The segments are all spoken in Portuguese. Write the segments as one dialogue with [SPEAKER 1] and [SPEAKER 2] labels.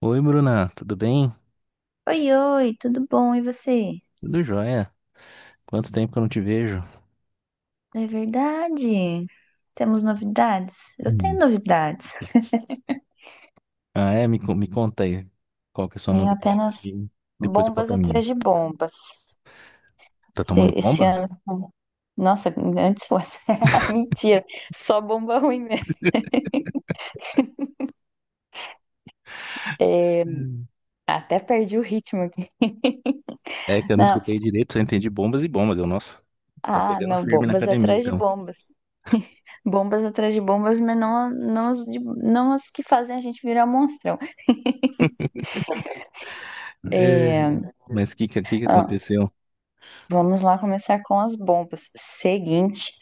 [SPEAKER 1] Oi, Bruna, tudo bem?
[SPEAKER 2] Oi, oi, tudo bom? E você?
[SPEAKER 1] Tudo jóia. Quanto tempo que eu não te vejo?
[SPEAKER 2] É verdade. Temos novidades? Eu tenho
[SPEAKER 1] Hum.
[SPEAKER 2] novidades.
[SPEAKER 1] Ah, é? Me conta aí. Qual que é a sua
[SPEAKER 2] Tenho
[SPEAKER 1] novidade?
[SPEAKER 2] apenas
[SPEAKER 1] Que depois eu conto
[SPEAKER 2] bombas
[SPEAKER 1] a minha.
[SPEAKER 2] atrás de bombas.
[SPEAKER 1] Tá
[SPEAKER 2] Esse,
[SPEAKER 1] tomando
[SPEAKER 2] esse
[SPEAKER 1] bomba?
[SPEAKER 2] ano. Nossa, antes fosse. Mentira, só bomba ruim mesmo. É,
[SPEAKER 1] Hum.
[SPEAKER 2] até perdi o ritmo aqui.
[SPEAKER 1] É que eu não
[SPEAKER 2] Não,
[SPEAKER 1] escutei direito, só entendi bombas e bombas. Nossa, tá pegando
[SPEAKER 2] não,
[SPEAKER 1] firme na
[SPEAKER 2] bombas
[SPEAKER 1] academia,
[SPEAKER 2] atrás de
[SPEAKER 1] então.
[SPEAKER 2] bombas. Bombas atrás de bombas, mas não, não, não as que fazem a gente virar monstrão.
[SPEAKER 1] É,
[SPEAKER 2] É,
[SPEAKER 1] mas que
[SPEAKER 2] ah,
[SPEAKER 1] aconteceu?
[SPEAKER 2] vamos lá começar com as bombas. Seguinte,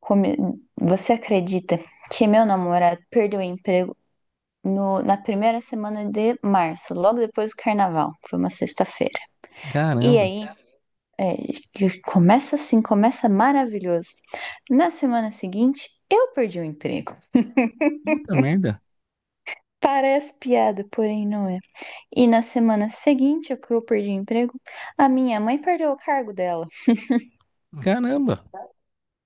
[SPEAKER 2] come- você acredita que meu namorado perdeu o emprego na primeira semana de março, logo depois do carnaval? Foi uma sexta-feira. E
[SPEAKER 1] Caramba,
[SPEAKER 2] aí, é, que começa assim, começa maravilhoso. Na semana seguinte, eu perdi o emprego.
[SPEAKER 1] puta merda.
[SPEAKER 2] Parece piada, porém não é. E na semana seguinte, ao que eu perdi o emprego, a minha mãe perdeu o cargo dela.
[SPEAKER 1] Caramba,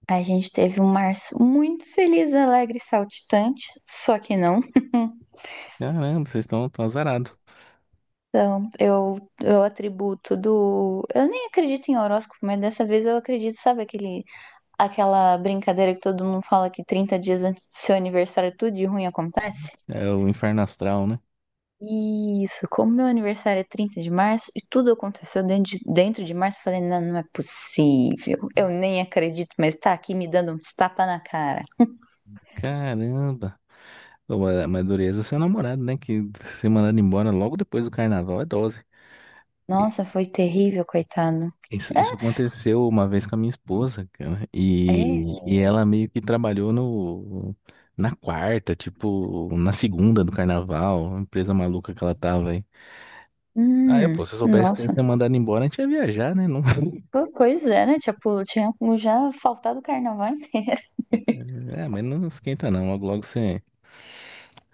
[SPEAKER 2] A gente teve um março muito feliz, alegre e saltitante, só que não.
[SPEAKER 1] caramba, vocês estão tão azarados.
[SPEAKER 2] Então, eu atribuo tudo. Eu nem acredito em horóscopo, mas dessa vez eu acredito, sabe, aquela brincadeira que todo mundo fala que 30 dias antes do seu aniversário tudo de ruim acontece?
[SPEAKER 1] É o inferno astral, né?
[SPEAKER 2] Isso, como meu aniversário é 30 de março e tudo aconteceu dentro de março, eu falei, não, não é possível. Eu nem acredito, mas tá aqui me dando um tapa na cara.
[SPEAKER 1] Caramba. Pô, mas dureza é seu namorado, né? Que ser mandado embora logo depois do carnaval é dose. E
[SPEAKER 2] Nossa, foi terrível, coitado.
[SPEAKER 1] isso aconteceu uma vez com a minha esposa, cara.
[SPEAKER 2] É,
[SPEAKER 1] E,
[SPEAKER 2] é.
[SPEAKER 1] e ela meio que trabalhou no, na quarta, tipo, na segunda do carnaval, uma empresa maluca que ela tava aí. Aí, pô, se eu soubesse que você ia
[SPEAKER 2] Nossa.
[SPEAKER 1] ser mandado embora, a gente ia viajar, né? Não.
[SPEAKER 2] Pois é, né? Tipo, tinha já faltado o carnaval inteiro.
[SPEAKER 1] É, mas não esquenta não. Logo, logo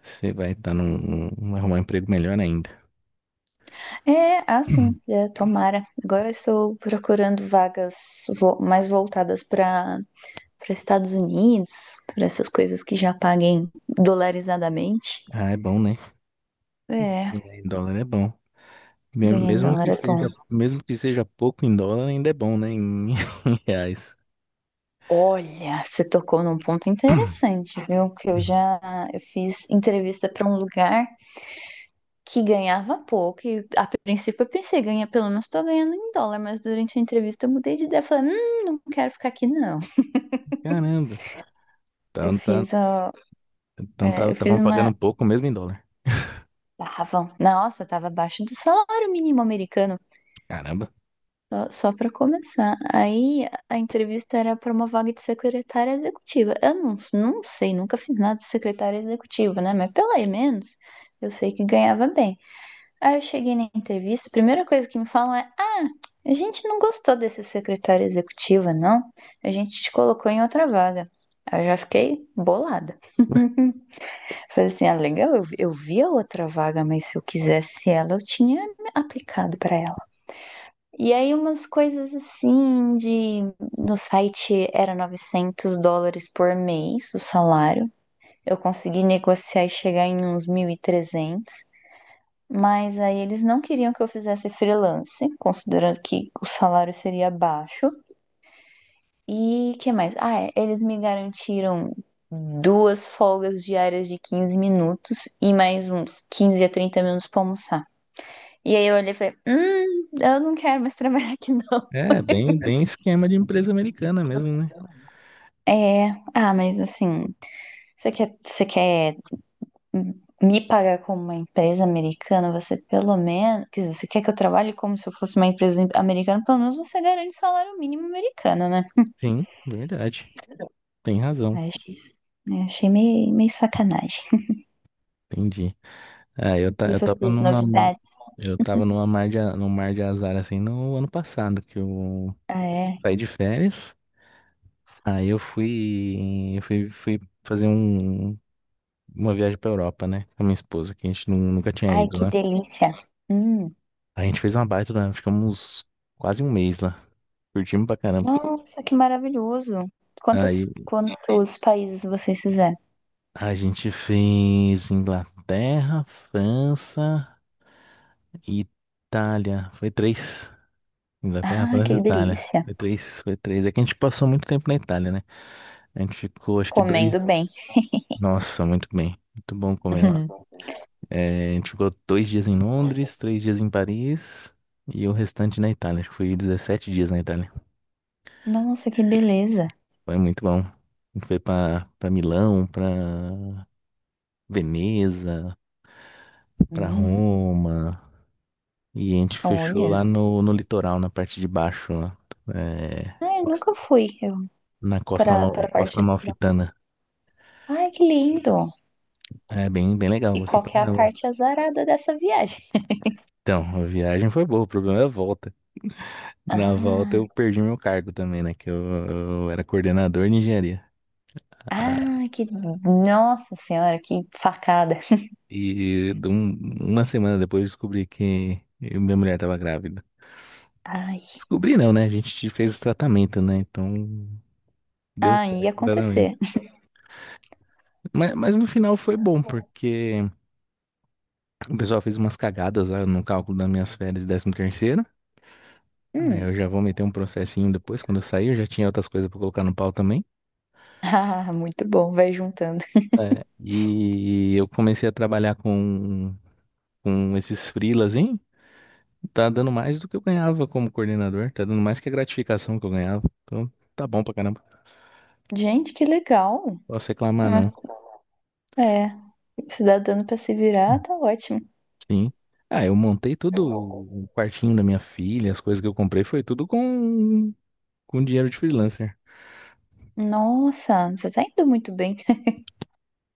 [SPEAKER 1] você vai estar arrumar um emprego melhor ainda.
[SPEAKER 2] É, assim, tomara. Agora eu estou procurando vagas mais voltadas para Estados Unidos, para essas coisas que já paguem dolarizadamente.
[SPEAKER 1] Ah, é bom, né?
[SPEAKER 2] É,
[SPEAKER 1] É, em dólar é bom.
[SPEAKER 2] ganhar em dólar é bom.
[SPEAKER 1] Mesmo que seja pouco em dólar, ainda é bom, né? Em, em reais.
[SPEAKER 2] Olha, você tocou num ponto interessante, viu? Que eu fiz entrevista para um lugar que ganhava pouco. E a princípio eu pensei, ganha, pelo menos tô ganhando em dólar, mas durante a entrevista eu mudei de ideia. Falei, não quero ficar aqui, não.
[SPEAKER 1] Caramba. Então, tá,
[SPEAKER 2] Ó, eu fiz
[SPEAKER 1] tavam
[SPEAKER 2] uma.
[SPEAKER 1] pagando pouco mesmo em dólar.
[SPEAKER 2] Tava, nossa, tava abaixo do salário mínimo americano.
[SPEAKER 1] Caramba.
[SPEAKER 2] Só para começar. Aí a entrevista era para uma vaga de secretária executiva. Eu não sei, nunca fiz nada de secretária executiva, né? Mas pelo menos eu sei que ganhava bem. Aí eu cheguei na entrevista, a primeira coisa que me falam é: Ah, a gente não gostou desse secretário executiva, não? A gente te colocou em outra vaga. Aí eu já fiquei bolada.
[SPEAKER 1] Ué,
[SPEAKER 2] Falei assim: Ah, legal, eu vi a outra vaga, mas se eu quisesse ela, eu tinha me aplicado pra ela. E aí umas coisas assim de no site era US$ 900 por mês o salário. Eu consegui negociar e chegar em uns 1.300. Mas aí eles não queriam que eu fizesse freelance, considerando que o salário seria baixo. E que mais? Ah, é, eles me garantiram duas folgas diárias de 15 minutos e mais uns 15 a 30 minutos pra almoçar. E aí eu olhei e falei, eu não quero mais trabalhar aqui não.
[SPEAKER 1] é, bem, bem esquema de empresa americana mesmo, né?
[SPEAKER 2] É, mas assim, você quer me pagar como uma empresa americana, você pelo menos, quer dizer, você quer que eu trabalhe como se eu fosse uma empresa americana, pelo menos você garante salário mínimo americano, né?
[SPEAKER 1] Sim, verdade. Tem razão.
[SPEAKER 2] Aí Achei meio sacanagem.
[SPEAKER 1] Entendi.
[SPEAKER 2] E
[SPEAKER 1] Eu tava
[SPEAKER 2] vocês, novidades?
[SPEAKER 1] num mar de azar assim no ano passado, que eu
[SPEAKER 2] Ah, é.
[SPEAKER 1] saí de férias. Aí fui fazer um. Uma viagem pra Europa, né? Com a minha esposa, que a gente nunca tinha
[SPEAKER 2] Ai,
[SPEAKER 1] ido,
[SPEAKER 2] que
[SPEAKER 1] né?
[SPEAKER 2] delícia. Hum.
[SPEAKER 1] A gente fez uma baita, né? Ficamos quase um mês lá. Curtimos pra caramba.
[SPEAKER 2] Nossa, que maravilhoso.
[SPEAKER 1] Aí
[SPEAKER 2] Quantos países vocês fizeram?
[SPEAKER 1] a gente fez Inglaterra, França e Itália. Foi três. Inglaterra,
[SPEAKER 2] Ah,
[SPEAKER 1] França e
[SPEAKER 2] que
[SPEAKER 1] Itália.
[SPEAKER 2] delícia.
[SPEAKER 1] Foi três, foi três. É que a gente passou muito tempo na Itália, né? A gente ficou, acho que
[SPEAKER 2] Comendo
[SPEAKER 1] dois.
[SPEAKER 2] bem.
[SPEAKER 1] Nossa, muito bem. Muito bom comer lá. É, a gente ficou dois dias em Londres, três dias em Paris e o restante na Itália. Acho que foi 17 dias na Itália.
[SPEAKER 2] Nossa, que beleza.
[SPEAKER 1] Foi muito bom. A gente foi pra Milão, pra Veneza, pra
[SPEAKER 2] Hum.
[SPEAKER 1] Roma. E a gente fechou
[SPEAKER 2] Olha.
[SPEAKER 1] lá no litoral, na parte de baixo, lá. É,
[SPEAKER 2] Ah, eu nunca fui. Eu
[SPEAKER 1] na costa,
[SPEAKER 2] para para a
[SPEAKER 1] Costa
[SPEAKER 2] parte litoral.
[SPEAKER 1] Amalfitana.
[SPEAKER 2] Ai, que lindo!
[SPEAKER 1] É bem, bem legal,
[SPEAKER 2] E
[SPEAKER 1] gostei
[SPEAKER 2] qual
[SPEAKER 1] pra
[SPEAKER 2] que é a
[SPEAKER 1] caramba.
[SPEAKER 2] parte azarada dessa viagem?
[SPEAKER 1] Então, a viagem foi boa, o problema é a volta. Na volta
[SPEAKER 2] Ah,
[SPEAKER 1] eu perdi meu cargo também, né? Eu era coordenador de engenharia. Ah,
[SPEAKER 2] ah, que nossa senhora, que facada.
[SPEAKER 1] E de um- uma semana depois eu descobri minha mulher estava grávida.
[SPEAKER 2] Ai,
[SPEAKER 1] Descobri não, né? A gente fez o tratamento, né? Então deu
[SPEAKER 2] ai, ia
[SPEAKER 1] certo o tratamento.
[SPEAKER 2] acontecer.
[SPEAKER 1] Mas no final foi bom, porque o pessoal fez umas cagadas lá no cálculo das minhas férias de décimo terceiro. Aí eu
[SPEAKER 2] Hum.
[SPEAKER 1] já vou meter um processinho depois, quando eu sair, eu já tinha outras coisas pra colocar no pau também.
[SPEAKER 2] Ah, muito bom, vai juntando.
[SPEAKER 1] É, e eu comecei a trabalhar com esses freelas, hein? Tá dando mais do que eu ganhava como coordenador, tá dando mais que a gratificação que eu ganhava. Então tá bom pra caramba.
[SPEAKER 2] Gente, que legal.
[SPEAKER 1] Posso reclamar,
[SPEAKER 2] Mas,
[SPEAKER 1] não.
[SPEAKER 2] é, se dá dando para se virar, tá ótimo.
[SPEAKER 1] Sim. Ah, eu montei tudo, o quartinho da minha filha, as coisas que eu comprei foi tudo com dinheiro de freelancer.
[SPEAKER 2] Nossa, você tá indo muito bem.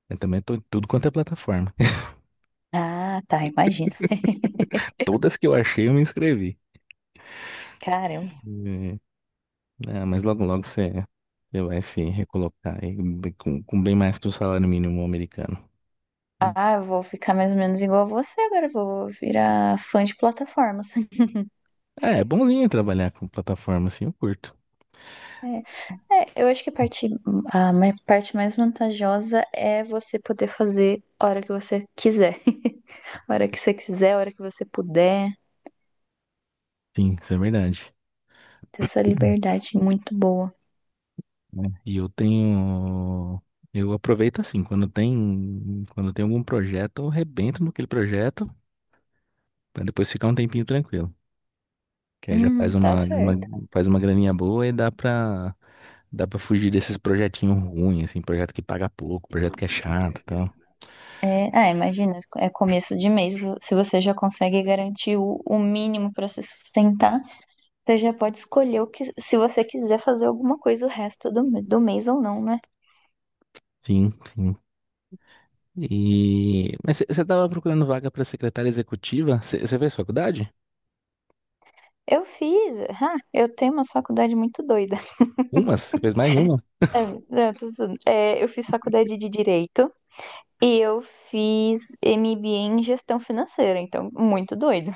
[SPEAKER 1] Eu também tô em tudo quanto é plataforma.
[SPEAKER 2] Ah, tá, imagina.
[SPEAKER 1] Todas que eu achei, eu me inscrevi.
[SPEAKER 2] Caramba.
[SPEAKER 1] E- Ah, mas logo logo você vai se recolocar aí com bem mais que o salário mínimo americano.
[SPEAKER 2] Ah, eu vou ficar mais ou menos igual a você agora. Eu vou virar fã de plataformas.
[SPEAKER 1] É, é bonzinho trabalhar com plataforma assim, eu curto.
[SPEAKER 2] É. É, eu acho que a parte, a ma- parte mais vantajosa é você poder fazer a hora que você quiser. A hora que você quiser, a hora que você puder.
[SPEAKER 1] Sim, isso é verdade.
[SPEAKER 2] Ter essa liberdade muito boa.
[SPEAKER 1] Né? E eu tenho. Eu aproveito assim, quando tem algum projeto, eu rebento naquele projeto. Pra depois ficar um tempinho tranquilo. Que aí já faz
[SPEAKER 2] Tá
[SPEAKER 1] uma-
[SPEAKER 2] certo.
[SPEAKER 1] faz uma graninha boa e dá pra fugir desses projetinhos ruins, assim, projeto que paga pouco, projeto que é chato e tal.
[SPEAKER 2] É, imagina, é começo de mês. Se você já consegue garantir o mínimo para se sustentar, você já pode escolher o que, se você quiser fazer alguma coisa o resto do mês ou não, né?
[SPEAKER 1] Sim, sim. E... mas você tava procurando vaga pra secretária executiva? Você fez faculdade?
[SPEAKER 2] Eu fiz, ah, eu tenho uma faculdade muito doida.
[SPEAKER 1] Umas? Você fez mais de uma?
[SPEAKER 2] É, não, tudo, tudo. É, eu fiz faculdade de Direito e eu fiz MBA em Gestão Financeira, então muito doido.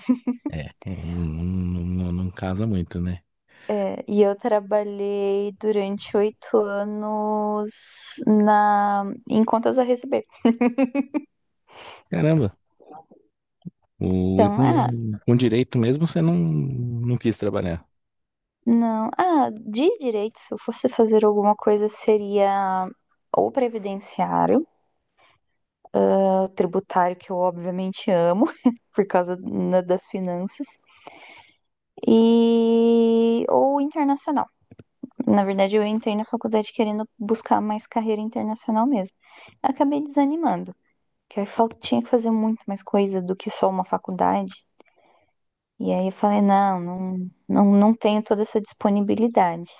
[SPEAKER 1] É, é, não casa muito, né?
[SPEAKER 2] É, e eu trabalhei durante 8 anos em contas a receber.
[SPEAKER 1] Caramba, o, e
[SPEAKER 2] Então, ah,
[SPEAKER 1] com direito mesmo você não quis trabalhar.
[SPEAKER 2] não, ah, de Direito, se eu fosse fazer alguma coisa, seria ou previdenciário, ou tributário, que eu obviamente amo, por causa né, das finanças, e ou internacional. Na verdade, eu entrei na faculdade querendo buscar mais carreira internacional mesmo. Acabei desanimando, que eu tinha que fazer muito mais coisa do que só uma faculdade. E aí eu falei, não, não, não, não tenho toda essa disponibilidade.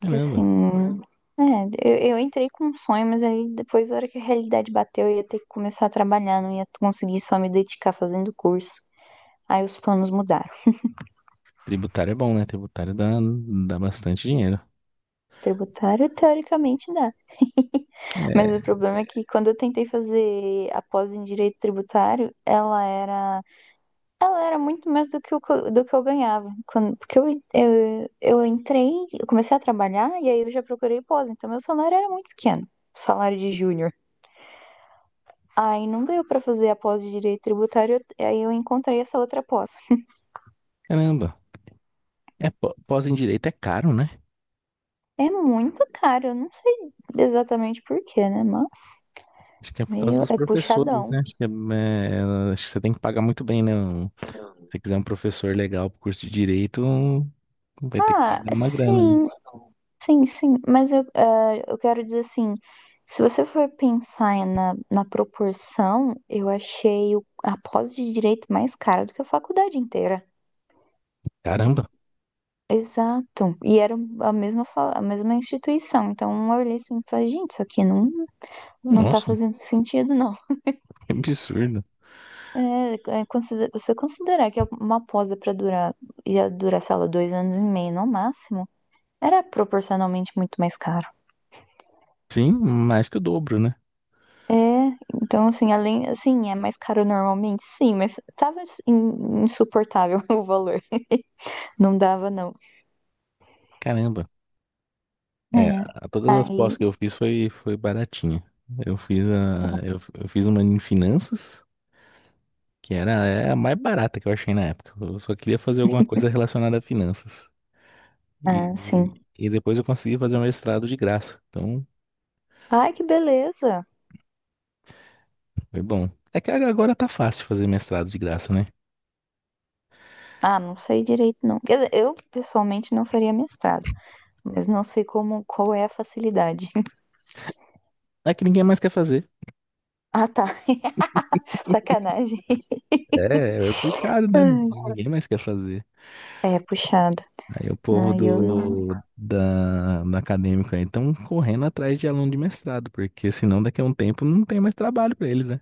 [SPEAKER 2] Que assim,
[SPEAKER 1] Caramba,
[SPEAKER 2] é, eu entrei com um sonho, mas aí depois, na hora que a realidade bateu, eu ia ter que começar a trabalhar, não ia conseguir só me dedicar fazendo curso. Aí os planos mudaram.
[SPEAKER 1] tributário é bom, né? Tributário dá bastante dinheiro.
[SPEAKER 2] Tributário, teoricamente dá. Mas o
[SPEAKER 1] É,
[SPEAKER 2] problema é que quando eu tentei fazer a pós em direito tributário, ela era muito mais do que eu ganhava. Quando, porque eu entrei, eu comecei a trabalhar e aí eu já procurei pós, então meu salário era muito pequeno, salário de júnior. Aí não deu pra fazer a pós de direito tributário, aí eu encontrei essa outra pós.
[SPEAKER 1] caramba. É, pós em direito é caro, né?
[SPEAKER 2] É muito caro, eu não sei exatamente por quê, né? Mas
[SPEAKER 1] Acho que é por causa
[SPEAKER 2] meio
[SPEAKER 1] dos
[SPEAKER 2] é puxadão.
[SPEAKER 1] professores, né? Acho que, acho que você tem que pagar muito bem, né? Um- se você quiser um professor legal pro curso de direito, vai ter que
[SPEAKER 2] Ah,
[SPEAKER 1] pagar uma grana, né?
[SPEAKER 2] sim, sim, sim, mas eu quero dizer assim, se você for pensar na proporção, eu achei a pós de direito mais cara do que a faculdade inteira.
[SPEAKER 1] Caramba.
[SPEAKER 2] Exato. E era a mesma instituição. Então eu olhei assim e falei, gente, isso aqui não, não tá
[SPEAKER 1] Nossa,
[SPEAKER 2] fazendo sentido, não.
[SPEAKER 1] que absurdo.
[SPEAKER 2] É, é, você considerar que uma pós é pra durar, ia durar, sei lá, 2 anos e meio no máximo, era proporcionalmente muito mais caro.
[SPEAKER 1] Sim, mais que o dobro, né?
[SPEAKER 2] É, então assim, além, assim, é mais caro normalmente, sim, mas tava assim, insuportável o valor. Não dava, não.
[SPEAKER 1] Caramba. É,
[SPEAKER 2] É.
[SPEAKER 1] todas as pós
[SPEAKER 2] Aí,
[SPEAKER 1] que eu fiz foi, foi baratinha. Eu fiz uma em finanças, que era é, a mais barata que eu achei na época. Eu só queria fazer alguma coisa relacionada a finanças.
[SPEAKER 2] ah,
[SPEAKER 1] E,
[SPEAKER 2] sim.
[SPEAKER 1] e depois eu consegui fazer um mestrado de graça. Então,
[SPEAKER 2] Ai, que beleza.
[SPEAKER 1] foi bom. É que agora tá fácil fazer mestrado de graça, né?
[SPEAKER 2] Ah, não sei direito, não. Quer dizer, eu pessoalmente não faria mestrado, mas não sei como, qual é a facilidade.
[SPEAKER 1] É que ninguém mais quer fazer.
[SPEAKER 2] Ah, tá. Sacanagem.
[SPEAKER 1] É, é complicado, né?
[SPEAKER 2] Ai,
[SPEAKER 1] Ninguém mais quer fazer.
[SPEAKER 2] é puxado.
[SPEAKER 1] Aí o povo
[SPEAKER 2] Ah, eu não.
[SPEAKER 1] da acadêmica aí estão correndo atrás de aluno de mestrado, porque senão daqui a um tempo não tem mais trabalho pra eles, né?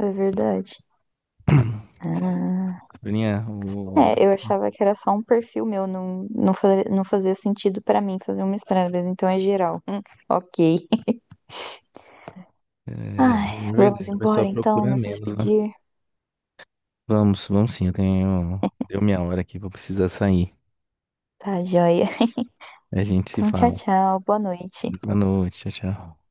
[SPEAKER 2] É verdade. Ah.
[SPEAKER 1] Bruninha,
[SPEAKER 2] É, eu achava que era só um perfil meu, não, não, não fazia sentido pra mim fazer um mestrado, mas então é geral. Ok.
[SPEAKER 1] é
[SPEAKER 2] Ai, vamos
[SPEAKER 1] verdade, o
[SPEAKER 2] embora
[SPEAKER 1] pessoal
[SPEAKER 2] então,
[SPEAKER 1] procura
[SPEAKER 2] nos
[SPEAKER 1] menos, né?
[SPEAKER 2] despedir.
[SPEAKER 1] Vamos, vamos sim, eu tenho. Deu minha hora aqui, vou precisar sair.
[SPEAKER 2] Tá, joia.
[SPEAKER 1] A gente se
[SPEAKER 2] Então, tchau,
[SPEAKER 1] fala.
[SPEAKER 2] tchau, boa noite.
[SPEAKER 1] Boa noite, tchau, tchau.